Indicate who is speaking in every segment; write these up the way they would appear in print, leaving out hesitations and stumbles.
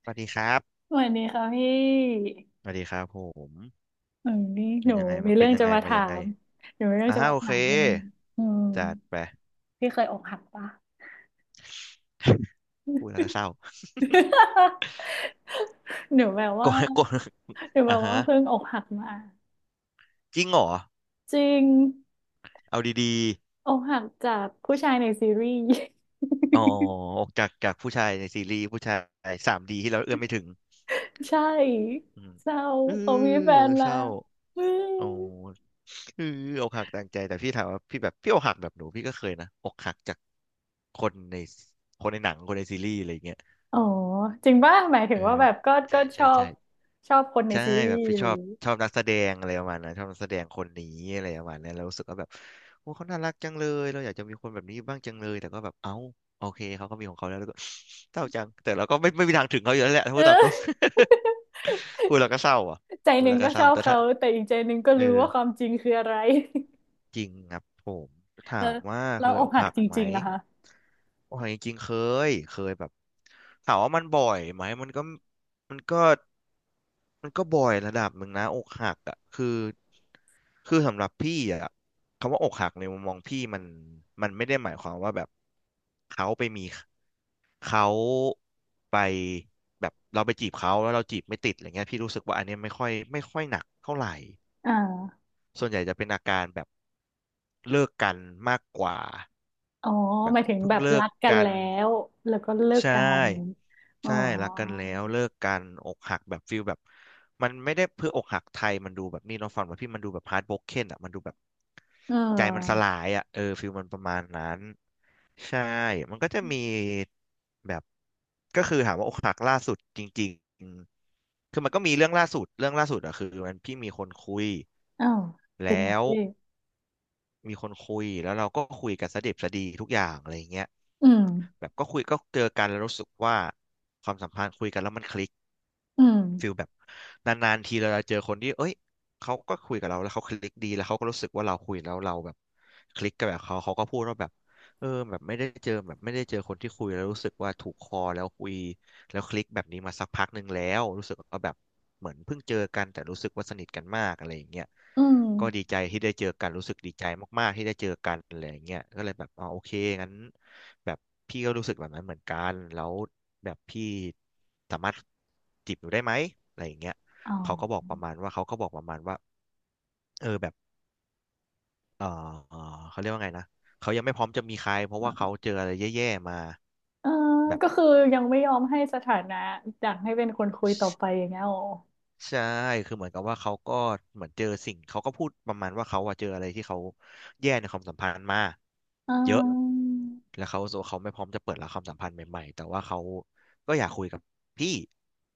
Speaker 1: สวัสดีครับ
Speaker 2: สวัสดีค่ะพี่
Speaker 1: สวัสดีครับผม
Speaker 2: เออนี่
Speaker 1: เป็
Speaker 2: ห
Speaker 1: น
Speaker 2: นู
Speaker 1: ยังไง
Speaker 2: มี
Speaker 1: มาเป็
Speaker 2: เรื่
Speaker 1: น
Speaker 2: อง
Speaker 1: ยั
Speaker 2: จะ
Speaker 1: งไง
Speaker 2: มา
Speaker 1: มา
Speaker 2: ถา
Speaker 1: ยังไง
Speaker 2: ม หนูมีเรื่องจะมา
Speaker 1: โอ
Speaker 2: ถา
Speaker 1: เค
Speaker 2: มให้อืม
Speaker 1: จัดไป
Speaker 2: พี่เคยอกหักปะ
Speaker 1: พูดแล้วก็เศร้า
Speaker 2: หนูแบบ
Speaker 1: ก่
Speaker 2: ว่า
Speaker 1: อนก่อนอ่าฮะ
Speaker 2: เพิ่งอกหักมา
Speaker 1: จริงเหรอ
Speaker 2: จริง
Speaker 1: เอาดี
Speaker 2: อกหักจากผู้ชายในซีรีส์
Speaker 1: ๆอ๋อออกจากผู้ชายในซีรีส์ผู้ชายสามดีที่เราเอื้อมไม่ถึง
Speaker 2: ใช่
Speaker 1: อืม
Speaker 2: เศร้า
Speaker 1: เออ
Speaker 2: เขามีแฟน
Speaker 1: เศ
Speaker 2: แล้
Speaker 1: ร้า
Speaker 2: ว อื
Speaker 1: โอ้
Speaker 2: ม
Speaker 1: เอออกหักต่างใจแต่พี่ถามว่าพี่แบบพี่อกหักแบบหนูพี่ก็เคยนะอกหักจากคนในคนในหนังคนในซีรีส์อะไรอย่างเงี้ย
Speaker 2: อ๋อจริงป่ะหมายถึ
Speaker 1: เอ
Speaker 2: งว่า
Speaker 1: อ
Speaker 2: แบบก็
Speaker 1: ใช่
Speaker 2: ช
Speaker 1: ใช่
Speaker 2: อบ
Speaker 1: ใช่
Speaker 2: ชอบคนใน
Speaker 1: ใช่
Speaker 2: ซีรี
Speaker 1: แบบ
Speaker 2: ส์
Speaker 1: พี่
Speaker 2: ห
Speaker 1: ช
Speaker 2: รือ
Speaker 1: อบ
Speaker 2: ย่างงี้
Speaker 1: ชอบนักแสดงอะไรประมาณนั้นชอบนักแสดงคนนี้อะไรประมาณนั้นแล้วรู้สึกว่าแบบโอ้เขาน่ารักจังเลยเราอยากจะมีคนแบบนี้บ้างจังเลยแต่ก็แบบเอ้าโอเคเขาก็มีของเขาแล้วแล้วก็ เศร้าจังแต่เราก็ไม่มีทางถึงเขาอยู่แล้วแหละถ้า พู
Speaker 2: เอ
Speaker 1: ดตาม
Speaker 2: อ
Speaker 1: ตรง พูดแล้วก็เศร้าอ่ะ
Speaker 2: ใจ
Speaker 1: พู
Speaker 2: ห
Speaker 1: ด
Speaker 2: นึ่
Speaker 1: แล้
Speaker 2: ง
Speaker 1: วก็
Speaker 2: ก็
Speaker 1: เศ
Speaker 2: ช
Speaker 1: ร้า
Speaker 2: อบ
Speaker 1: แต่ถ้า
Speaker 2: เขาแต่อีกใจหนึ่งก็
Speaker 1: เออ
Speaker 2: รู้ว่าความจริงคืออะไร
Speaker 1: จริงครับผม
Speaker 2: แล้
Speaker 1: ถา
Speaker 2: ว
Speaker 1: มว่า
Speaker 2: เรา
Speaker 1: เค
Speaker 2: อ
Speaker 1: ยอ
Speaker 2: ก
Speaker 1: ก
Speaker 2: หัก
Speaker 1: หัก
Speaker 2: จ
Speaker 1: ไหม
Speaker 2: ริงๆนะคะ
Speaker 1: อกหักจริงๆเคยแบบถามว่ามันบ่อยไหมมันก็ มันก็บ่อยระดับหนึ่งนะอกหักอ่ะคือสำหรับพี่อ่ะคำว่าอกหักในมุมมองพี่มันไม่ได้หมายความว่าแบบเขาไปมีเขาไปแบบเราไปจีบเขาแล้วเราจีบไม่ติดอะไรเงี้ยพี่รู้สึกว่าอันเนี้ยไม่ค่อยหนักเท่าไหร่
Speaker 2: อ่า
Speaker 1: ส่วนใหญ่จะเป็นอาการแบบเลิกกันมากกว่า
Speaker 2: อ๋อ
Speaker 1: แบ
Speaker 2: ห
Speaker 1: บ
Speaker 2: มายถึง
Speaker 1: เพิ่
Speaker 2: แบ
Speaker 1: ง
Speaker 2: บ
Speaker 1: เลิ
Speaker 2: รั
Speaker 1: ก
Speaker 2: กกัน
Speaker 1: กัน
Speaker 2: แล้วแล้วก็เลิก
Speaker 1: ใช่
Speaker 2: กันอ๋อ
Speaker 1: ใช่รักกันแล้วเลิกกันอกหักแบบฟิลแบบมันไม่ได้เพื่ออกหักไทยมันดูแบบนี่เน้องฟังว่าพี่มันดูแบบฮาร์ดโบรกเคนอ่ะมันดูแบบ
Speaker 2: เอ
Speaker 1: ใจมันส
Speaker 2: อ
Speaker 1: ลายอ่ะเออฟิลมันประมาณนั้นใช่มันก็จะมีแบบก็คือถามว่าอกหักล่าสุดจริงๆคือมันก็มีเรื่องล่าสุดอ่ะคือมันพี่มีคนคุย
Speaker 2: อ้าวเป็น
Speaker 1: แล้
Speaker 2: ไง
Speaker 1: ว
Speaker 2: พี่
Speaker 1: มีคนคุยแล้วเราก็คุยกันสะดิบสะดีทุกอย่างอะไรอย่างเงี้ย
Speaker 2: อืม
Speaker 1: แบบก็คุยก็เจอกันแล้วรู้สึกว่าความสัมพันธ์คุยกันแล้วมันคลิก
Speaker 2: อืม
Speaker 1: ฟิลแบบนานๆทีเราจะเจอคนที่เอ้ยเขาก็คุยกับเราแล้วเขาคลิกดีแล้วเขาก็รู้สึกว่าเราคุยแล้วเราแบบคลิกกับแบบเขาก็พูดว่าแบบเออแบบไม่ได้เจอแบบไม่ได้เจอคนที่คุยแล้วรู้สึกว่าถูกคอแล้วคุยแล้วคลิกแบบนี้มาสักพักหนึ่งแล้วรู้สึกว่าแบบเหมือนเพิ่งเจอกันแต่รู้สึกว่าสนิทกันมากอะไรอย่างเงี้ย
Speaker 2: อืม
Speaker 1: ก็ดีใจที่ได้เจอกันรู้สึกดีใจมากๆที่ได้เจอกันอะไรอย่างเงี้ยก็เลยแบบอ๋อโอเคงั้นแบบพี่ก็รู้สึกแบบนั้นเหมือนกันแล้วแบบพี่สามารถจีบหนูได้ไหมอะไรอย่างเงี้ย
Speaker 2: อ๋อ
Speaker 1: เขาก็บอกประมาณว่าเขาก็บอกประมาณว่าเออแบบเออเออเขาเรียกว่าไงนะเขายังไม่พร้อมจะมีใครเพราะว่าเขาเจออะไรแย่ๆมา
Speaker 2: เออ
Speaker 1: แบบ
Speaker 2: ก็คือยังไม่ยอมให้สถานะอยากให้เป็นคนคุยต่อไปอย่างเงี้ยอ๋อ
Speaker 1: ใชใช่คือเหมือนกับว่าเขาก็เหมือนเจอสิ่งเขาก็พูดประมาณว่าเขาอะเจออะไรที่เขาแย่ในความสัมพันธ์มา
Speaker 2: เอ
Speaker 1: เยอะ
Speaker 2: ่
Speaker 1: แล้วเขาโซเขาไม่พร้อมจะเปิดรับความสัมพันธ์ใหม่ๆแต่ว่าเขาก็อยากคุยกับพี่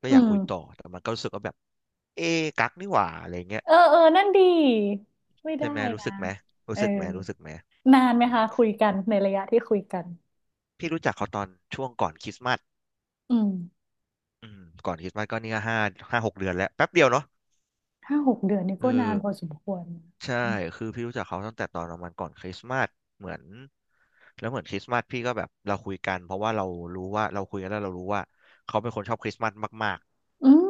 Speaker 1: ก็อ
Speaker 2: อื
Speaker 1: ยาก
Speaker 2: ม
Speaker 1: คุยต่อแต่มันก็รู้สึกว่าแบบเอ๊ะกักนี่หว่าอะไรเงี้ย
Speaker 2: เออเออนั่นดีไม่
Speaker 1: ใช่
Speaker 2: ได้
Speaker 1: ไหมรู้
Speaker 2: นะ
Speaker 1: สึกไหม
Speaker 2: เอ
Speaker 1: รู้
Speaker 2: อ
Speaker 1: สึกไหมรู้สึกไหม
Speaker 2: นาน
Speaker 1: อื
Speaker 2: ไหม
Speaker 1: ม
Speaker 2: คะคุยกันในระยะที่คุยกัน
Speaker 1: พี่รู้จักเขาตอนช่วงก่อนคริสต์มาส
Speaker 2: อืม
Speaker 1: อืมก่อนคริสต์มาสก็นี่ก็5 5-6 เดือนแล้วแป๊บเดียวเนาะ
Speaker 2: 5-6 เดือนนี่
Speaker 1: เอ
Speaker 2: ก็นาน
Speaker 1: อ
Speaker 2: พอสมควรนะ
Speaker 1: ใช่คือพี่รู้จักเขาตั้งแต่ตอนประมาณก่อนคริสต์มาสเหมือนแล้วเหมือนคริสต์มาสพี่ก็แบบเราคุยกันเพราะว่าเรารู้ว่าเราคุยกันแล้วเรารู้ว่าเขาเป็นคนชอบคริสต์มาสมาก
Speaker 2: อืม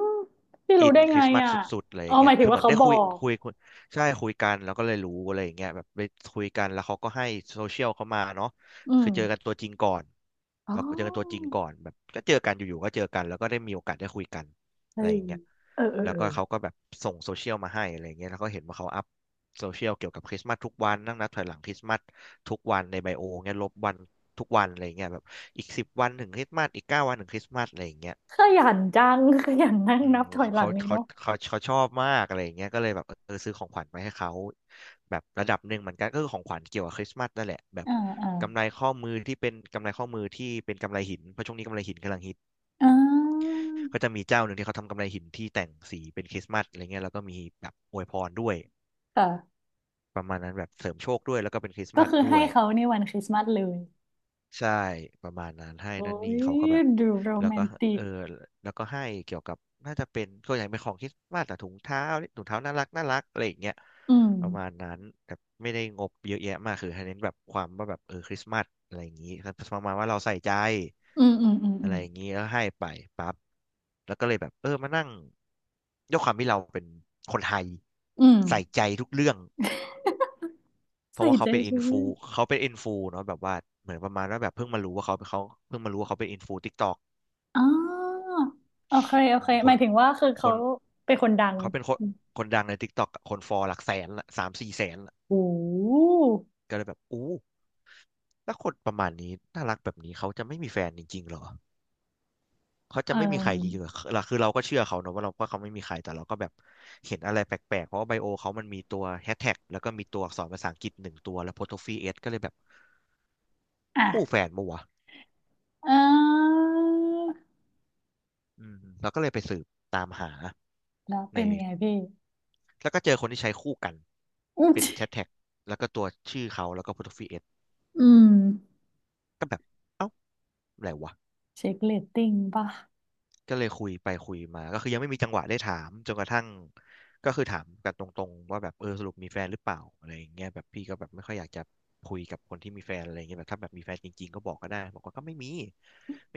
Speaker 2: พี่
Speaker 1: อิ
Speaker 2: รู้
Speaker 1: น
Speaker 2: ได้
Speaker 1: ค
Speaker 2: ไง
Speaker 1: ริสต์มาส
Speaker 2: อ่ะ
Speaker 1: สุดๆอะไรอ
Speaker 2: อ๋อ
Speaker 1: ย่าง
Speaker 2: ห
Speaker 1: เงี้
Speaker 2: มา
Speaker 1: ย
Speaker 2: ยถึ
Speaker 1: คื
Speaker 2: ง
Speaker 1: อเห
Speaker 2: ว่า
Speaker 1: มือน
Speaker 2: เขา
Speaker 1: ได้
Speaker 2: บอ
Speaker 1: คุย
Speaker 2: ก
Speaker 1: คุยคุยใช่คุยกันแล้วก็เลยรู้อะไรอย่างเงี้ยแบบไปคุยกันแล้วเขาก็ให้โซเชียลเขามาเนาะ
Speaker 2: อืม
Speaker 1: คือเจอกันตัวจริงก่อน
Speaker 2: อ๋
Speaker 1: เราเจอกันตัวจริง
Speaker 2: อ
Speaker 1: ก่อนแบบก็เจอกันอยู่ๆก็เจอกันแล้วก็ได้มีโอกาสได้คุยกัน
Speaker 2: เฮ้
Speaker 1: อะไร
Speaker 2: ย
Speaker 1: อย่างเงี้ย
Speaker 2: เออเออ
Speaker 1: แล้ว
Speaker 2: เออ
Speaker 1: ก็เขาก็แบบส่งโซเชียลมาให้อะไรอย่างเงี้ยแล้วก็เห็นว่าเขาอัพโซเชียลเกี่ยวกับคริสต์มาสทุกวันนั่งนับถอยหลังคริสต์มาสทุกวันในไบโอเงี้ยลบวันทุกวันอะไรอย่างเงี้ยแบบอีก10 วันถึงคริสต์มาสอีก9 วันถึงคริสต์มาสอะไรอย่างเงี้ย
Speaker 2: ขยันจัง ขยันนั่ง
Speaker 1: อืม
Speaker 2: นับถอย
Speaker 1: เขา
Speaker 2: หลั
Speaker 1: เขา
Speaker 2: งเลย
Speaker 1: เขา
Speaker 2: เนาะ
Speaker 1: เขาเขาชอบมากอะไรอย่างเงี้ยก็เลยแบบเออซื้อของขวัญมาให้เขาแบบระดับหนึ่งเหมือนกันก็คือของขวัญเกี่ยวกับคริสต์มาสนั่นแหละแบบ
Speaker 2: อ่าอ่า
Speaker 1: กำไรข้อมือที่เป็นกำไรหินเพราะช่วงนี้กำไรหินกำลังฮิต
Speaker 2: อ่า
Speaker 1: ก็จะมีเจ้าหนึ่งที่เขาทำกำไรหินที่แต่งสีเป็นคริสต์มาสอะไรเงี้ยแล้วก็มีแบบอวยพรด้วย
Speaker 2: ค่ะ
Speaker 1: ประมาณนั้นแบบเสริมโชคด้วยแล้วก็เป็นคริสต์
Speaker 2: ก็
Speaker 1: มาส
Speaker 2: คือ
Speaker 1: ด้
Speaker 2: ให้
Speaker 1: วย
Speaker 2: เขาในวันคริสต์มาสเลย
Speaker 1: ใช่ประมาณนั้นให้
Speaker 2: โอ้
Speaker 1: นั่นนี่เขาก็
Speaker 2: ย
Speaker 1: แบบ
Speaker 2: ดูโร
Speaker 1: แล้ว
Speaker 2: แม
Speaker 1: ก็
Speaker 2: นติ
Speaker 1: เอ
Speaker 2: ก
Speaker 1: อแล้วก็ให้เกี่ยวกับน่าจะเป็นก็อย่างเป็นของคริสต์มาสแต่ถุงเท้าถุงเท้าน่ารักน่ารักอะไรอย่างเงี้ย
Speaker 2: อืม
Speaker 1: ประมาณนั้นแต่ไม่ได้งบเยอะแยะมากคือให้เน้นแบบความว่าแบบเออคริสต์มาสอะไรอย่างงี้ประมาณว่าเราใส่ใจ
Speaker 2: อืมอืมอืม อื
Speaker 1: อะไร
Speaker 2: ม
Speaker 1: อย่างงี้แล้วให้ไปปั๊บแล้วก็เลยแบบเออมานั่งด้วยความที่เราเป็นคนไทย
Speaker 2: อืม
Speaker 1: ใส่ใจทุกเรื่อง เพ
Speaker 2: ใส่
Speaker 1: ราะว่า
Speaker 2: ใจใช่วย
Speaker 1: เขาเป็นอินฟูเนาะแบบว่าเหมือนประมาณว่าแบบเพิ่งมารู้ว่าเขาเพิ่งมารู้ว่าเขาเป็นอินฟูทิกตอก
Speaker 2: อ๋อโอเคโอเค
Speaker 1: ค
Speaker 2: หมา
Speaker 1: น
Speaker 2: ยถึงว่าคือ
Speaker 1: ค
Speaker 2: เขา
Speaker 1: น
Speaker 2: เป็นคนดัง
Speaker 1: เขาเป็นคนดังในทิกตอกคนฟอลหลักแสนละสามสี่แสนละ
Speaker 2: โอ้
Speaker 1: ก็เลยแบบอู้ถ้าคนประมาณนี้น่ารักแบบนี้เขาจะไม่มีแฟนจริงๆเหรอเขาจะ
Speaker 2: เอ่
Speaker 1: ไม่มีใครจริ
Speaker 2: อ
Speaker 1: งๆเหรอคือเราก็เชื่อเขาเนอะว่าเราก็เขาไม่มีใครแต่เราก็แบบเห็นอะไรแปลกๆเพราะว่าไบโอเขามันมีตัวแฮชแท็กแล้วก็มีตัวอักษรภาษาอังกฤษหนึ่งตัวแล้วโพสต์ฟีเอสก็เลยแบบคู่แฟ
Speaker 2: อ่ะ
Speaker 1: นปัว
Speaker 2: เออ
Speaker 1: อืมเราก็เลยไปสืบตามหา
Speaker 2: แล้ว
Speaker 1: ใน
Speaker 2: เป็นไงพี่
Speaker 1: แล้วก็เจอคนที่ใช้คู่กัน
Speaker 2: อืม
Speaker 1: เป็นแชทแท็กแล้วก็ตัวชื่อเขาแล้วก็โปรไฟล์
Speaker 2: อืม
Speaker 1: ก็แบบเอ้าอะไรวะ
Speaker 2: เช็คเรตติ้งป่ะ
Speaker 1: ก็เลยคุยไปคุยมาก็คือยังไม่มีจังหวะได้ถามจนกระทั่งก็คือถามกันตรงๆว่าแบบเออสรุปมีแฟนหรือเปล่าอะไรอย่างเงี้ยแบบพี่ก็แบบไม่ค่อยอยากจะคุยกับคนที่มีแฟนอะไรอย่างเงี้ยแบบถ้าแบบมีแฟนจริงๆก็บอกก็ได้บอกว่าก็ไม่มีไม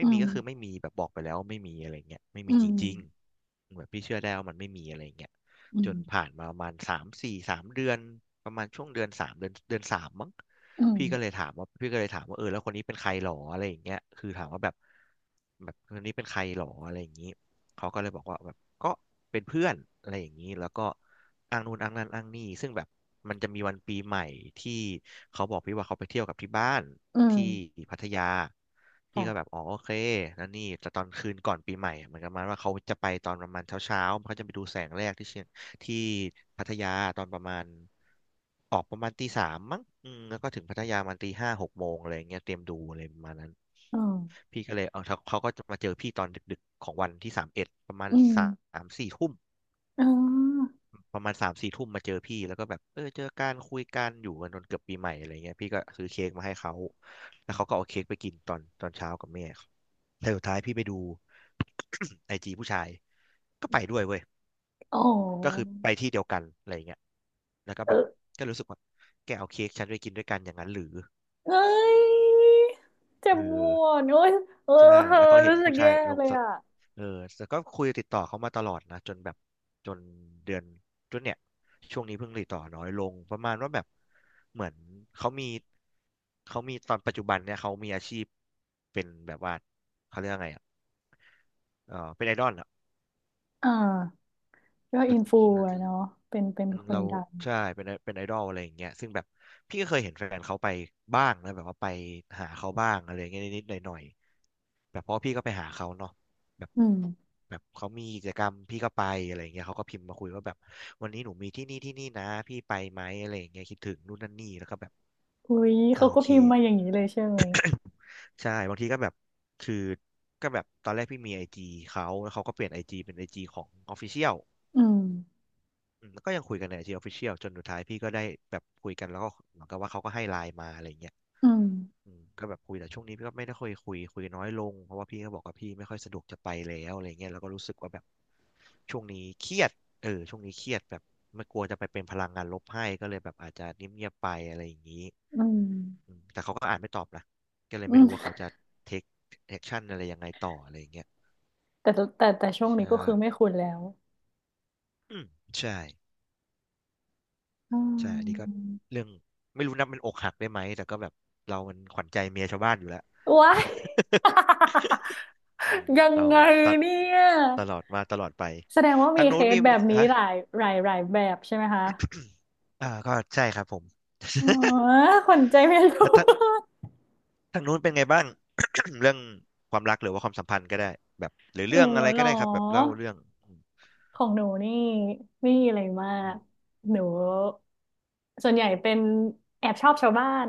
Speaker 2: อื
Speaker 1: ่มี
Speaker 2: ม
Speaker 1: ก็คือไม่มีแบบบอกไปแล้วไม่มีอะไรเงี้ยไม่
Speaker 2: อื
Speaker 1: มีจ
Speaker 2: ม
Speaker 1: ริงๆเหมือนพี่เชื่อได้ว่ามันไม่มีอะไรเงี้ย
Speaker 2: อื
Speaker 1: จนผ่า
Speaker 2: ม
Speaker 1: นมาประมาณสามสี่สามเดือนประมาณช่วงเดือนสามเดือนสามมั้ง
Speaker 2: อืม
Speaker 1: พี่ก็เลยถามว่าเออแล้วคนนี้เป็นใครหรออะไรอย่างเงี้ยคือถามว่าแบบคนนี้เป็นใครหรออะไรอย่างงี้เขาก็เลยบอกว่าแบบก็เป็นเพื่อนอะไรอย่างงี้แล้วก็อ้างนู่นอ้างนั่นอ้างนี่ซึ่งแบบมันจะมีวันปีใหม่ที่เขาบอกพี่ว่าเขาไปเที่ยวกับที่บ้าน
Speaker 2: อื
Speaker 1: ที่
Speaker 2: ม
Speaker 1: พัทยาพี่
Speaker 2: ค่ะ
Speaker 1: ก็แบบอ๋อโอเคแล้วนี่แต่ตอนคืนก่อนปีใหม่เหมือนกันมาว่าเขาจะไปตอนประมาณเช้าเช้าเขาจะไปดูแสงแรกที่เชียง ที่พัทยาตอนประมาณออกประมาณตีสามมั้งอืมแล้วก็ถึงพัทยามันตีห้าหกโมงอะไรอย่างเงี้ยเตรียมดูอะไรประมาณนั้น
Speaker 2: อืม
Speaker 1: พี่ก็เลยเอาเขาเขาก็จะมาเจอพี่ตอนดึกๆของวันที่สามเอ็ด
Speaker 2: อืม
Speaker 1: สามสี่ทุ่ม
Speaker 2: อ๋อ
Speaker 1: ประมาณสามสี่ทุ่มมาเจอพี่แล้วก็แบบเออเจอการคุยกันอยู่กันจนเกือบปีใหม่อะไรเงี้ยพี่ก็ซื้อเค้กมาให้เขาแล้วเขาก็เอาเค้กไปกินตอนเช้ากับแม่แต่สุดท้ายพี่ไปดู ไอจีผู้ชายก็ไปด้วยเว้ย
Speaker 2: อ
Speaker 1: ก็คื
Speaker 2: อ
Speaker 1: อไปที่เดียวกันอะไรอย่างเงี้ยแล้วก็
Speaker 2: เอ
Speaker 1: แบบ
Speaker 2: อ
Speaker 1: ก็รู้สึกว่าแกเอาเค้กฉันไปกินด้วยกันอย่างนั้นหรือ
Speaker 2: เอ้ยเจ็
Speaker 1: เอ
Speaker 2: บป
Speaker 1: อ
Speaker 2: วดโอ้ยเออ
Speaker 1: ใช่
Speaker 2: เออ
Speaker 1: แล้วก็เห็น
Speaker 2: รู้สึก
Speaker 1: ผู้ชา
Speaker 2: แย่
Speaker 1: ยลง
Speaker 2: เลย
Speaker 1: สต
Speaker 2: อ่ะ
Speaker 1: เออแต่ก็คุยติดต่อเขามาตลอดนะจนแบบจนเดือนจนเนี่ยช่วงนี้เพิ่งติดต่อน้อยลงประมาณว่าแบบเหมือนเขามีเขามีตอนปัจจุบันเนี่ยเขามีอาชีพเป็นแบบว่าเขาเรียกว่าไงอ่ะเออเป็นไอดอลอ่ะ
Speaker 2: อ่า ก็อินฟูอะเนาะเป็นเป็น
Speaker 1: อืม
Speaker 2: คน
Speaker 1: เรา
Speaker 2: ดัง
Speaker 1: ใช่เป็นเป็นไอดอลอะไรอย่างเงี้ยซึ่งแบบพี่ก็เคยเห็นแฟนเขาไปบ้างนะแบบว่าไปหาเขาบ้างอะไรอย่างเงี้ยนิดๆหน่อยๆแบบเพราะพี่ก็ไปหาเขาเนาะแบบ
Speaker 2: อืม
Speaker 1: แบบเขามีกิจกรรมพี่ก็ไปอะไรอย่างเงี้ยเขาก็พิมพ์มาคุยว่าแบบวันนี้หนูมีที่นี่ที่นี่นะพี่ไปไหมอะไรอย่างเงี้ยคิดถึงนู่นนั่นนี่แล้วก็แบบ
Speaker 2: อุ้ย
Speaker 1: อ่า
Speaker 2: เขา
Speaker 1: โอ
Speaker 2: ก็
Speaker 1: เค
Speaker 2: พิมพ์มาอย่างนี้เลยใช่ไหม
Speaker 1: ใช่บางทีก็แบบคือก็แบบตอนแรกพี่มีไอจีเขาแล้วเขาก็เปลี่ยนไอจีเป็นไอจีของออฟฟิเชียล
Speaker 2: อืม
Speaker 1: อืมแล้วก็ยังคุยกันในไอจีออฟฟิเชียลจนสุดท้ายพี่ก็ได้แบบคุยกันแล้วก็เหมือนกับว่าเขาก็ให้ไลน์มาอะไรเงี้ย
Speaker 2: อืม
Speaker 1: อืมก็แบบคุยแต่ช่วงนี้พี่ก็ไม่ได้ค่อยคุยคุยน้อยลงเพราะว่าพี่ก็บอกว่าพี่ไม่ค่อยสะดวกจะไปแล้วอะไรเงี้ยแล้วก็รู้สึกว่าแบบช่วงนี้เครียดช่วงนี้เครียดแบบไม่กลัวจะไปเป็นพลังงานลบให้ก็เลยแบบอาจจะเงียบๆไปอะไรอย่างนี้
Speaker 2: อืม
Speaker 1: อืมแต่เขาก็อ่านไม่ตอบนะก็เลย
Speaker 2: อื
Speaker 1: ไม่รู้ว่า
Speaker 2: ม
Speaker 1: เขาจะเทคแอคชั่นอะไรยังไงต่ออะไรอย่างเงี้ย
Speaker 2: แต่แตแต่แต่ช่วงนี้ก็
Speaker 1: ใช่
Speaker 2: คือไม่คุ้นแล้ว
Speaker 1: อืมใช่
Speaker 2: อื
Speaker 1: ใช่อันนี้ก็
Speaker 2: ม
Speaker 1: เรื่องไม่รู้นับเป็นอกหักได้ไหมแต่ก็แบบเรามันขวัญใจเมียชาวบ้านอยู่แล้ว
Speaker 2: ว้าย
Speaker 1: อืม
Speaker 2: ยัง
Speaker 1: เรา
Speaker 2: ไง
Speaker 1: ตะ
Speaker 2: เนี่ย
Speaker 1: ตลอดมาตลอดไป
Speaker 2: แสดงว่า
Speaker 1: ทา
Speaker 2: มี
Speaker 1: ง
Speaker 2: เค
Speaker 1: นู้น
Speaker 2: ส
Speaker 1: มี
Speaker 2: แบบนี้
Speaker 1: ฮะ
Speaker 2: หลายแบบใช่ไหมคะ
Speaker 1: อ่าก็ใช่ครับผม
Speaker 2: อ๋อ คนใจไม่
Speaker 1: แล้
Speaker 2: รู้
Speaker 1: วทางทางนู้นเป็นไงบ้าง เรื่องความรักหรือว่าความสัมพันธ์ก็ได้แบบหรือ
Speaker 2: หนู
Speaker 1: เรื่องอะไร
Speaker 2: เหร
Speaker 1: ก็
Speaker 2: อ
Speaker 1: ได้ครับแบบเล่าเรื่องอืม
Speaker 2: ของหนูนี่ไม่มีอะไรมา
Speaker 1: อื
Speaker 2: ก
Speaker 1: ม
Speaker 2: หนูส่วนใหญ่เป็นแอบชอบชาวบ้าน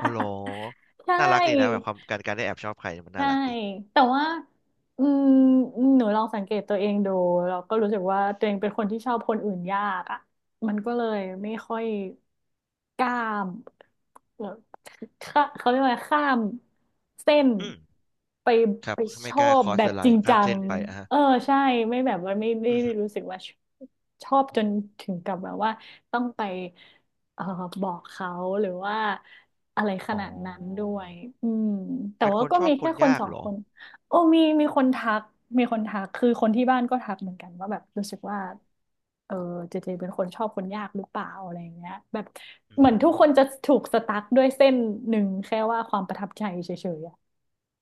Speaker 1: อ๋อเหรอ
Speaker 2: ใช
Speaker 1: น่ารักดีนะแบบ
Speaker 2: ่
Speaker 1: ความการการได้แอบชอบใครมันน่า
Speaker 2: ใช่
Speaker 1: รักดี
Speaker 2: แต่ว่าอืมหนูลองสังเกตตัวเองดูเราก็รู้สึกว่าตัวเองเป็นคนที่ชอบคนอื่นยากอ่ะมันก็เลยไม่ค่อยกล้ามเอ่อข้าเขาเรียกว่าข้ามเส้น
Speaker 1: อืม
Speaker 2: ไป
Speaker 1: ครั
Speaker 2: ไป
Speaker 1: บ
Speaker 2: ช
Speaker 1: ไม่ก
Speaker 2: อ
Speaker 1: ล้าค
Speaker 2: บ
Speaker 1: อส
Speaker 2: แบ
Speaker 1: เด
Speaker 2: บ
Speaker 1: อะไล
Speaker 2: จริง
Speaker 1: น์ข้า
Speaker 2: จั
Speaker 1: ม
Speaker 2: ง
Speaker 1: เส้นไปอ่ะฮะ
Speaker 2: เออใช่ไม่แบบว่าไม่
Speaker 1: อือ
Speaker 2: ได้
Speaker 1: ฮึ
Speaker 2: รู้สึกว่าชอบจนถึงกับแบบว่าต้องไป เอ่อบอกเขาหรือว่าอะไรข
Speaker 1: อ๋อ
Speaker 2: นาดนั้นด้วยอืมแต่
Speaker 1: เป็นค
Speaker 2: ว่า
Speaker 1: น
Speaker 2: ก็
Speaker 1: ชอ
Speaker 2: มี
Speaker 1: บค
Speaker 2: แค่
Speaker 1: น
Speaker 2: คน
Speaker 1: ยาก
Speaker 2: สอง
Speaker 1: เหรอ
Speaker 2: คน โอ้มีคนทักมีคนทัก คือคนที่บ้านก็ทักเหมือนกันว่าแบบรู้สึกว่าเออเจเจเป็นคนชอบคนยากหรือเปล่าอะไรอย่างเงี้ยแบบ
Speaker 1: อืม
Speaker 2: เหมือน
Speaker 1: อ
Speaker 2: ทุก
Speaker 1: ม
Speaker 2: คนจะถูกสตั๊กด้วยเส้นหนึ่งแค่ว่าความประทับใจเฉยๆอะ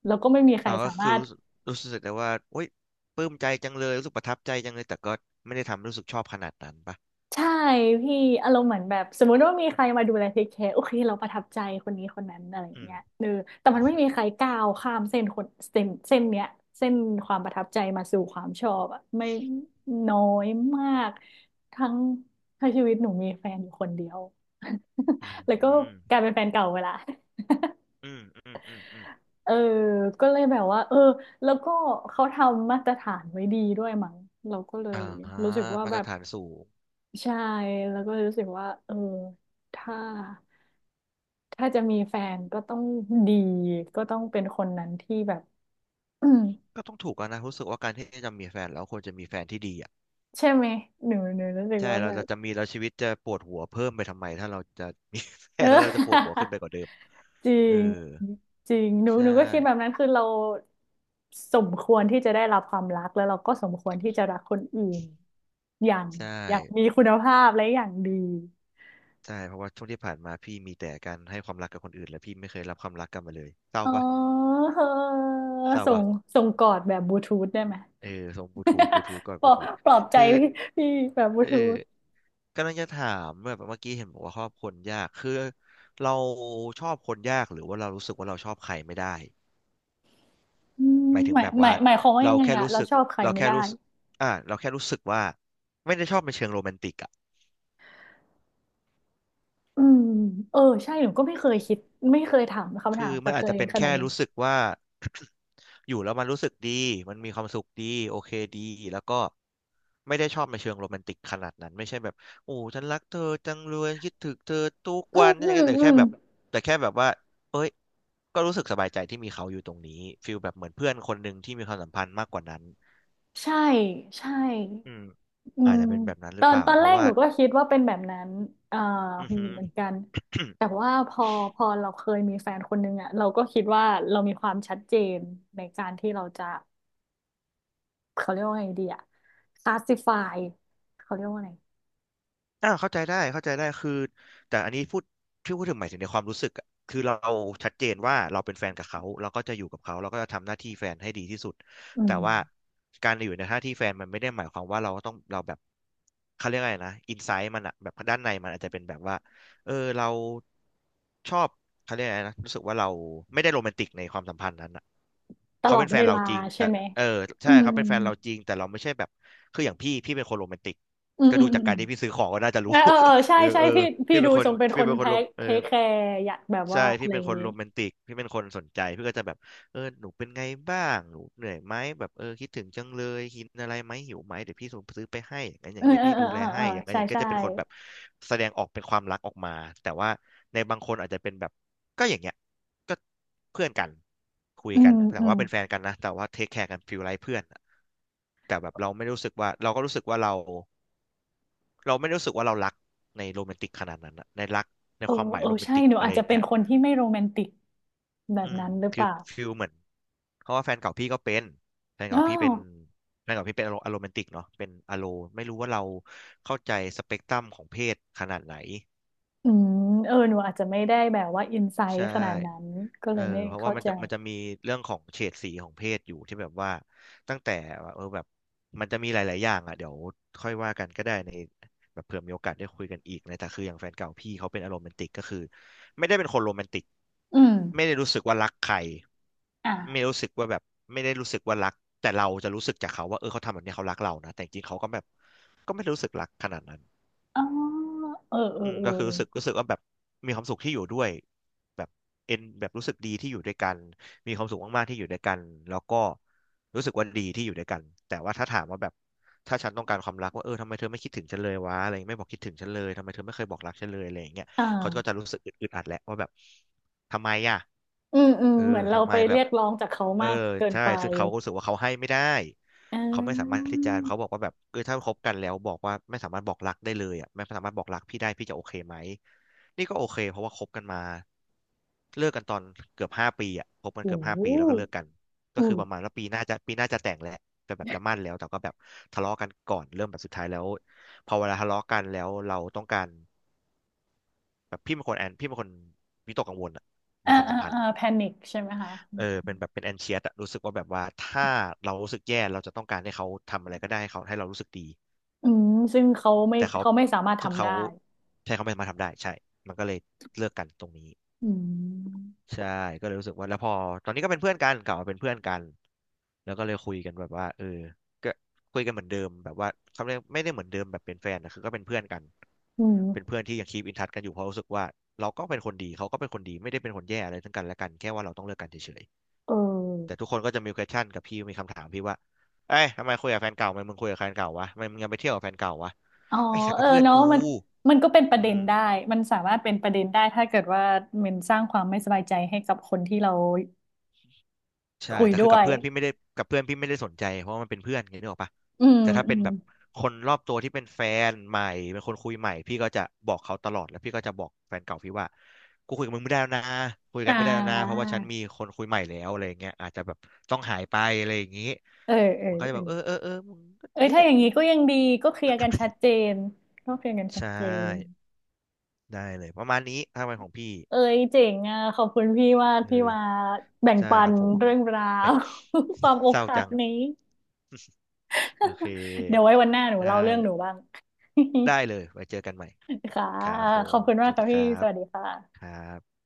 Speaker 2: แล้วก็ไม่มีใคร
Speaker 1: อ๋อ
Speaker 2: สา
Speaker 1: ก็
Speaker 2: มา
Speaker 1: คือ
Speaker 2: รถ
Speaker 1: รู้สึกรู้สึกแต่ว่าโอ๊ยปลื้มใจจังเลยรู้สึกประทับใจจังเลยแต่ก็ไม่ได้ทำรู้สึกชอบขนาดนั้นปะ
Speaker 2: ใช่พี่อารมณ์เหมือนแบบสมมุติว่ามีใครมาดูแลเทคแคร์โอเคเราประทับใจคนนี้คนนั้นอะไรอย่า
Speaker 1: อื
Speaker 2: ง
Speaker 1: ม
Speaker 2: เงี้ยเออแต่
Speaker 1: อื
Speaker 2: มั
Speaker 1: ม
Speaker 2: นไม่
Speaker 1: อื
Speaker 2: มีใครก้าวข้ามเส้นคนเส้นเนี้ยเส้นความประทับใจมาสู่ความชอบอะไม่น้อยมากทั้งถ้าชีวิตหนูมีแฟนอยู่คนเดียว
Speaker 1: อื
Speaker 2: แล้วก็
Speaker 1: ม
Speaker 2: กลายเป็นแฟนเก่าเวลา
Speaker 1: อืมอืมอืมอืม
Speaker 2: เออก็เลยแบบว่าเออแล้วก็เขาทำมาตรฐานไว้ดีด้วยมั้งเราก็เลย
Speaker 1: อ่า
Speaker 2: รู้สึกว่า
Speaker 1: มา
Speaker 2: แบ
Speaker 1: ตร
Speaker 2: บ
Speaker 1: ฐานสูง
Speaker 2: ใช่แล้วก็รู้สึกว่าเออถ้าถ้าจะมีแฟนก็ต้องดีก็ต้องเป็นคนนั้นที่แบบ อืม
Speaker 1: ก็ต้องถูกกันนะรู้สึกว่าการที่จะมีแฟนแล้วควรจะมีแฟนที่ดีอ่ะ
Speaker 2: ใช่ไหมหนูรู้สึก
Speaker 1: ใช่
Speaker 2: ว่า
Speaker 1: เรา
Speaker 2: แบ
Speaker 1: เรา
Speaker 2: บ
Speaker 1: จะมีแล้วชีวิตจะปวดหัวเพิ่มไปทำไมถ้าเราจะมี แฟ
Speaker 2: เอ
Speaker 1: นแล้วเราจะปวดหัว
Speaker 2: อ
Speaker 1: ขึ้นไปกว่าเดิม
Speaker 2: จริ
Speaker 1: เออ
Speaker 2: งจริงหนู
Speaker 1: ใช
Speaker 2: หนูก็คิดแบบ
Speaker 1: ่
Speaker 2: นั้นคือเราสมควรที่จะได้รับความรักแล้วเราก็สมควรที่จะรักคนอื่นอย่าง
Speaker 1: ใช่
Speaker 2: อย่างมีคุณภาพและอย่างดี
Speaker 1: ใช่เพราะว่าช่วงที่ผ่านมาพี่มีแต่การให้ความรักกับคนอื่นแล้วพี่ไม่เคยรับความรักกลับมาเลยเศร้า
Speaker 2: อ๋อ
Speaker 1: ปะ
Speaker 2: เออ
Speaker 1: เศร้า
Speaker 2: ส่
Speaker 1: ปะ
Speaker 2: งส่งกอดแบบบลูทูธได้ไหม
Speaker 1: เออส่งบลูทูธบลูทูธก่อน
Speaker 2: ป
Speaker 1: บ
Speaker 2: ลอ
Speaker 1: ลู
Speaker 2: บ
Speaker 1: ทูธ
Speaker 2: ปลอบใจ
Speaker 1: คือ
Speaker 2: พี่พี่แบบบลู
Speaker 1: เออ
Speaker 2: ทูธ
Speaker 1: กำลังจะถามแบบเมื่อกี้เห็นบอกว่าชอบคนยากคือเราชอบคนยากหรือว่าเรารู้สึกว่าเราชอบใครไม่ได้
Speaker 2: อืม
Speaker 1: หมายถึ
Speaker 2: ห
Speaker 1: ง
Speaker 2: มาย
Speaker 1: แบบ
Speaker 2: หมา
Speaker 1: ว่า
Speaker 2: ยหมายความว่ายั
Speaker 1: เรา
Speaker 2: งไง
Speaker 1: แค่
Speaker 2: อะ
Speaker 1: รู้
Speaker 2: เรา
Speaker 1: สึก
Speaker 2: ชอบใคร
Speaker 1: เรา
Speaker 2: ไม่
Speaker 1: แค่
Speaker 2: ได้
Speaker 1: รู้สึกเราแค่รู้สึกว่าไม่ได้ชอบในเชิงโรแมนติกอะ
Speaker 2: อืมเออใช่หนูก็ไม่เคยคิดไม่เคยถามคำ
Speaker 1: คือ
Speaker 2: ถามกั
Speaker 1: มัน
Speaker 2: บ
Speaker 1: อา
Speaker 2: ตั
Speaker 1: จ
Speaker 2: ว
Speaker 1: จะ
Speaker 2: เอง
Speaker 1: เป็น
Speaker 2: ขนา
Speaker 1: แค่
Speaker 2: ดนี้น
Speaker 1: รู้สึกว่า อยู่แล้วมันรู้สึกดีมันมีความสุขดีโอเคดีแล้วก็ไม่ได้ชอบในเชิงโรแมนติกขนาดนั้นไม่ใช่แบบโอ้ฉันรักเธอจังเลยคิดถึงเธอทุก
Speaker 2: อื
Speaker 1: วั
Speaker 2: ม
Speaker 1: นนี่
Speaker 2: อื
Speaker 1: ยังไง
Speaker 2: ม
Speaker 1: แต่
Speaker 2: อื
Speaker 1: แค่
Speaker 2: ม
Speaker 1: แบบแต่แค่แบบว่าเอ้ยก็รู้สึกสบายใจที่มีเขาอยู่ตรงนี้ฟีลแบบเหมือนเพื่อนคนหนึ่งที่มีความสัมพันธ์มากกว่านั้น
Speaker 2: ใช่ใช่
Speaker 1: อืม
Speaker 2: อื
Speaker 1: อาจ
Speaker 2: ม
Speaker 1: จะเป็นแบบนั้น
Speaker 2: ต
Speaker 1: หรื
Speaker 2: อ
Speaker 1: อเป
Speaker 2: น
Speaker 1: ล่า
Speaker 2: ตอน
Speaker 1: เพ
Speaker 2: แร
Speaker 1: ราะ
Speaker 2: ก
Speaker 1: ว่า
Speaker 2: หนูก็คิดว่าเป็นแบบนั้นอ่า
Speaker 1: อือหือ
Speaker 2: เหมือนกัน แต่ว่าพอพอเราเคยมีแฟนคนนึงอะเราก็คิดว่าเรามีความชัดเจนในการที่เราจะเขาเรียกว่าไงดีอะคลาสสิฟายเขาเรียกว่าไง
Speaker 1: อ่าเข้าใจได้เข้าใจได้คือแต่อันนี้พูดที่พูดถึงหมายถึงในความรู้สึกอะคือเราชัดเจนว่าเราเป็นแฟนกับเขาเราก็จะอยู่กับเขาเราก็จะทำหน้าที่แฟนให้ดีที่สุด
Speaker 2: อื
Speaker 1: แต่
Speaker 2: ม
Speaker 1: ว่าการอยู่ในหน้าที่แฟนมันไม่ได้หมายความว่าเราต้องเราแบบเขาเรียกอะไรนะอินไซต์มันอะแบบด้านในมันอาจจะเป็นแบบว่าเออเราชอบเขาเรียกอะไรนะรู้สึกว่าเราไม่ได้โรแมนติกในความสัมพันธ์นั้นอะ
Speaker 2: ต
Speaker 1: เขา
Speaker 2: ลอ
Speaker 1: เป็
Speaker 2: ด
Speaker 1: นแฟ
Speaker 2: เว
Speaker 1: นเรา
Speaker 2: ลา
Speaker 1: จริง
Speaker 2: ใช่
Speaker 1: แต่
Speaker 2: ไหม
Speaker 1: เออ
Speaker 2: อื
Speaker 1: ใช่เขาเป็นแฟนเราจริงแต่เราไม่ใช่แบบคืออย่างพี่พี่เป็นคนโรแมนติก
Speaker 2: มอืม
Speaker 1: ก็
Speaker 2: อื
Speaker 1: ดู
Speaker 2: มอื
Speaker 1: จา
Speaker 2: ม
Speaker 1: ก
Speaker 2: อื
Speaker 1: การ
Speaker 2: ม
Speaker 1: ที่พี่ซื้อของก็น่าจะ
Speaker 2: เอ
Speaker 1: รู้
Speaker 2: อเออเออ ใช่
Speaker 1: เออ
Speaker 2: ใช่
Speaker 1: เออ
Speaker 2: พี่พี่
Speaker 1: พี่เป็
Speaker 2: ดู
Speaker 1: นคน
Speaker 2: ทรงเป็นค
Speaker 1: พี่
Speaker 2: น
Speaker 1: เป็นค
Speaker 2: เท
Speaker 1: นโรม
Speaker 2: ค
Speaker 1: เอ
Speaker 2: เท
Speaker 1: อ
Speaker 2: คแคร์อยากแบบ
Speaker 1: ใช่
Speaker 2: ว่าอะ
Speaker 1: พี่
Speaker 2: ไร
Speaker 1: เป็
Speaker 2: อ
Speaker 1: น
Speaker 2: ย่าง
Speaker 1: คน
Speaker 2: นี้
Speaker 1: โรแมนติกพี่เป็นคนสนใจพี่ก็จะแบบเออหนูเป็นไงบ้างหนูเหนื่อยไหมแบบเออคิดถึงจังเลยกินอะไรไหมหิวไหมเดี๋ยวพี่ส่งซื้อไปให้อย่างนั้นอ
Speaker 2: เอ
Speaker 1: ย่า
Speaker 2: อ
Speaker 1: งเดี๋ยว
Speaker 2: เออ
Speaker 1: พี่
Speaker 2: เอ
Speaker 1: ดู
Speaker 2: อเอ
Speaker 1: แล
Speaker 2: อเอ
Speaker 1: ให้
Speaker 2: อ
Speaker 1: อย่างนั้น
Speaker 2: ใช่
Speaker 1: อย่างนี้ก็
Speaker 2: ใช่
Speaker 1: จะเป็นคนแบบแสดงออกเป็นความรักออกมาแต่ว่าในบางคนอาจจะเป็นแบบก็อย่างเงี้ยก็เพื่อนกันคุย
Speaker 2: อื
Speaker 1: กั
Speaker 2: ม
Speaker 1: นแต่
Speaker 2: อืม
Speaker 1: ว่าเป็นแฟนกันนะแต่ว่าเทคแคร์กันฟีลไลเพื่อนอะแต่แบบเราไม่รู้สึกว่าเราก็รู้สึกว่าเรา เราไม่ได้รู้สึกว่าเรารักในโรแมนติกขนาดนั้นอะในรักใน
Speaker 2: เออ
Speaker 1: ความหมาย
Speaker 2: เออ
Speaker 1: โรแมน
Speaker 2: ใช่
Speaker 1: ติก
Speaker 2: หนู
Speaker 1: อะ
Speaker 2: อา
Speaker 1: ไร
Speaker 2: จ
Speaker 1: อ
Speaker 2: จะ
Speaker 1: ย่าง
Speaker 2: เป็น
Speaker 1: เงี้ย
Speaker 2: คนที่ไม่โรแมนติกแบ
Speaker 1: อื
Speaker 2: บ
Speaker 1: ม
Speaker 2: นั้นหรือเป
Speaker 1: คือ
Speaker 2: ล่า
Speaker 1: ฟิลเหมือนเพราะว่าแฟนเก่าพี่ก็เป็นแฟน
Speaker 2: อ๋อ
Speaker 1: เก่าพี่เป็นแฟนเก่าพี่เป็นอโรแมนติกเนาะเป็นอโลไม่รู้ว่าเราเข้าใจสเปกตรัมของเพศขนาดไหน
Speaker 2: อืมเออหนูอาจจะไม่ได้แบบว่าอินไซ
Speaker 1: ใช่
Speaker 2: ต์ขนาดนั้นก็
Speaker 1: เอ
Speaker 2: เล
Speaker 1: อ
Speaker 2: ยไม่
Speaker 1: เพราะว่า
Speaker 2: เข้า
Speaker 1: มัน
Speaker 2: ใจ
Speaker 1: จะมันจะมีเรื่องของเฉดสีของเพศอยู่ที่แบบว่าตั้งแต่ว่าเออแบบมันจะมีหลายๆอย่างอ่ะเดี๋ยวค่อยว่ากันก็ได้ในแบบเผื่อมีโอกาสได้คุยกันอีกนะแต่คืออย่างแฟนเก่าพี่เขาเป็นอารมณ์แมนติกก็คือไม่ได้เป็นคนโรแมนติก
Speaker 2: อืม
Speaker 1: ไม่ได้รู้สึกว่ารักใคร
Speaker 2: อ่ะ
Speaker 1: ไม่รู้สึกว่าแบบไม่ได้รู้สึกว่ารักแต่เราจะรู้สึกจากเขาว่าเออเขาทำแบบนี้เขารักเรานะแต่จริงๆเขาก็แบบก็ไม่ได้รู้สึกรักขนาดนั้น
Speaker 2: อ๋อเออเออ
Speaker 1: อืม
Speaker 2: เออ
Speaker 1: ก็คือรู้สึกว่าแบบมีความสุขที่อยู่ด้วยแบบเอ็นแบบรู้สึกดีที่อยู่ด้วยกันมีความสุขมากๆที่อยู่ด้วยกันแล้วก็รู้สึกว่าดีที่อยู่ด้วยกันแต่ว่าถ้าถามว่าแบบถ้าฉันต้องการความรักว่าเออทำไมเธอไม่คิดถึงฉันเลยวะอะไรไม่บอกคิดถึงฉันเลยทำไมเธอไม่เคยบอกรักฉันเลยอะไรอย่างเงี้ย
Speaker 2: อ่
Speaker 1: เขาก็จะ
Speaker 2: า
Speaker 1: รู้สึกอึดอัดแหละว่าแบบทำไมอ่ะ
Speaker 2: อืมอืม
Speaker 1: เออ
Speaker 2: เหมือนเรา
Speaker 1: ทำไม
Speaker 2: ไป
Speaker 1: แบ
Speaker 2: เรี
Speaker 1: บ
Speaker 2: ยกร้องจากเขา
Speaker 1: เออ
Speaker 2: มากเกิน
Speaker 1: ใช่
Speaker 2: ไป
Speaker 1: ซึ่งเขาก็รู้สึกว่าเขาให้ไม่ได้
Speaker 2: อ่
Speaker 1: เขาไม่สามารถ
Speaker 2: า
Speaker 1: ที่จะเขาบอกว่าแบบเออถ้าคบกันแล้วบอกว่าไม่สามารถบอกรักได้เลยอ่ะไม่สามารถบอกรักพี่ได้พี่จะโอเคไหมนี่ก็โอเคเพราะว่าคบกันมาเลิกกันตอนเกือบห้าปีอ่ะคบกัน
Speaker 2: โอ้
Speaker 1: เกือบห้า
Speaker 2: โห
Speaker 1: ปีแล้วก็เลิกกัน
Speaker 2: อื
Speaker 1: ก็คือประมา
Speaker 2: ม
Speaker 1: ณว่าปีหน้าจะแต่งแหละแต่แบบจะมั่นแล้วแต่ก็แบบทะเลาะกันก่อนเริ่มแบบสุดท้ายแล้วพอเวลาทะเลาะกันแล้วเราต้องการแบบพี่เป็นคนวิตกกังวลอะใน
Speaker 2: อ่า
Speaker 1: ความสั
Speaker 2: อ่า
Speaker 1: มพัน
Speaker 2: อ่า
Speaker 1: ธ์
Speaker 2: แพนิคใช่ไหมคะ
Speaker 1: เออเป็นแบบเป็นแอนเชียสอะรู้สึกว่าแบบว่าถ้าเรารู้สึกแย่เราจะต้องการให้เขาทำอะไรก็ได้ให้เขาให้เรารู้สึกดี
Speaker 2: อืมซึ่งเขาไม่
Speaker 1: แต่เขา
Speaker 2: เขาไม่สามารถ
Speaker 1: ซึ่ง
Speaker 2: ทำ
Speaker 1: เขา
Speaker 2: ได้
Speaker 1: ใช่เขาไม่สามารถทำได้ใช่มันก็เลยเลิกกันตรงนี้
Speaker 2: อืม
Speaker 1: ใช่ก็เลยรู้สึกว่าแล้วพอตอนนี้ก็เป็นเพื่อนกันกลับมาเป็นเพื่อนกันแล้วก็เลยคุยกันแบบว่าเออก็คุยกันเหมือนเดิมแบบว่าเขาเรียกไม่ได้เหมือนเดิมแบบเป็นแฟนนะคือก็เป็นเพื่อนกัน
Speaker 2: อื
Speaker 1: เป็นเพื่
Speaker 2: ม
Speaker 1: อนที่ยังคีปอินทัชกันอยู่เพราะรู้สึกว่าเราก็เป็นคนดีเขาก็เป็นคนดีไม่ได้เป็นคนแย่อะไรทั้งกันและกันแค่ว่าเราต้องเลิกกันเฉย
Speaker 2: เ
Speaker 1: ๆแต่
Speaker 2: ออ
Speaker 1: ทุกคนก็จะมี question กับพี่มีคำถามพี่ว่าเอ้ยทำไมคุยกับแฟนเก่าทำไมมึงคุยกับแฟนเก่าวะทำไมมึงยังไปเที่ยวกับแฟนเก่าวะ
Speaker 2: อ๋อ
Speaker 1: ไอ้สัก
Speaker 2: เอ
Speaker 1: ก็
Speaker 2: อ
Speaker 1: เพื่อน
Speaker 2: เนาะ
Speaker 1: กู
Speaker 2: มันมันก็เป็นประเด็
Speaker 1: อื
Speaker 2: น
Speaker 1: ม
Speaker 2: ได้มันสามารถเป็นประเด็นได้ถ้าเกิดว่ามันสร้างความไม่สบายใจให้กับคนที่เรา
Speaker 1: ใช่
Speaker 2: คุย
Speaker 1: แต่คือ
Speaker 2: ด้ว
Speaker 1: กับ
Speaker 2: ย
Speaker 1: เพื่อนพี่ไม่ได้กับเพื่อนพี่ไม่ได้สนใจเพราะว่ามันเป็นเพื่อนไงนึกออกปะ
Speaker 2: อืม
Speaker 1: แต่ถ้า
Speaker 2: อื
Speaker 1: เป็น
Speaker 2: ม
Speaker 1: แบบคนรอบตัวที่เป็นแฟนใหม่เป็นคนคุยใหม่พี่ก็จะบอกเขาตลอดแล้วพี่ก็จะบอกแฟนเก่าพี่ว่ากูคุยกับมึงไม่ได้แล้วนะคุยกั
Speaker 2: อ่
Speaker 1: นไม่ได้แล้วนะเพ
Speaker 2: า
Speaker 1: ราะว่าฉันมีคนคุยใหม่แล้วอะไรอย่างเงี้ยอาจจะแบบต้องหายไปอะไรอย่างงี้
Speaker 2: เออเออ
Speaker 1: มันก็จะ
Speaker 2: เอ
Speaker 1: แบ
Speaker 2: อ
Speaker 1: บเออเออเออมึงก็่
Speaker 2: เอ้ย
Speaker 1: งี้
Speaker 2: ถ้า
Speaker 1: แห
Speaker 2: อ
Speaker 1: ละ
Speaker 2: ย่าง
Speaker 1: เออ
Speaker 2: นี้ก็ยังดีก็เคลียร์กันชัดเจนก็เคลียร์กันชัด
Speaker 1: ใช่
Speaker 2: เจน
Speaker 1: ได้เลยประมาณนี้ทางเนของพี่
Speaker 2: เอ้ยเจ๋งอ่ะขอบคุณพี่ว่า
Speaker 1: เอ
Speaker 2: ที่
Speaker 1: อ
Speaker 2: มาแบ่ง
Speaker 1: ใช่
Speaker 2: ปั
Speaker 1: ค
Speaker 2: น
Speaker 1: รับผม
Speaker 2: เรื่องรา
Speaker 1: แหม่
Speaker 2: ว ความอ
Speaker 1: เศ
Speaker 2: ก
Speaker 1: ร้า
Speaker 2: หัก
Speaker 1: จัง
Speaker 2: นี้
Speaker 1: โอเค
Speaker 2: เดี๋ยวไว้วันหน้าหนู
Speaker 1: ได้
Speaker 2: เล่าเรื่องหนูบ้าง
Speaker 1: ได้เลยไว้เจอกันใหม่
Speaker 2: ค่ะ
Speaker 1: ครับผ
Speaker 2: ขอบ
Speaker 1: ม
Speaker 2: คุณ
Speaker 1: ส
Speaker 2: มาก
Speaker 1: วัส
Speaker 2: ค่ะ
Speaker 1: ดีค
Speaker 2: พี่
Speaker 1: รั
Speaker 2: ส
Speaker 1: บ
Speaker 2: วัสดีค่ะ
Speaker 1: ครับ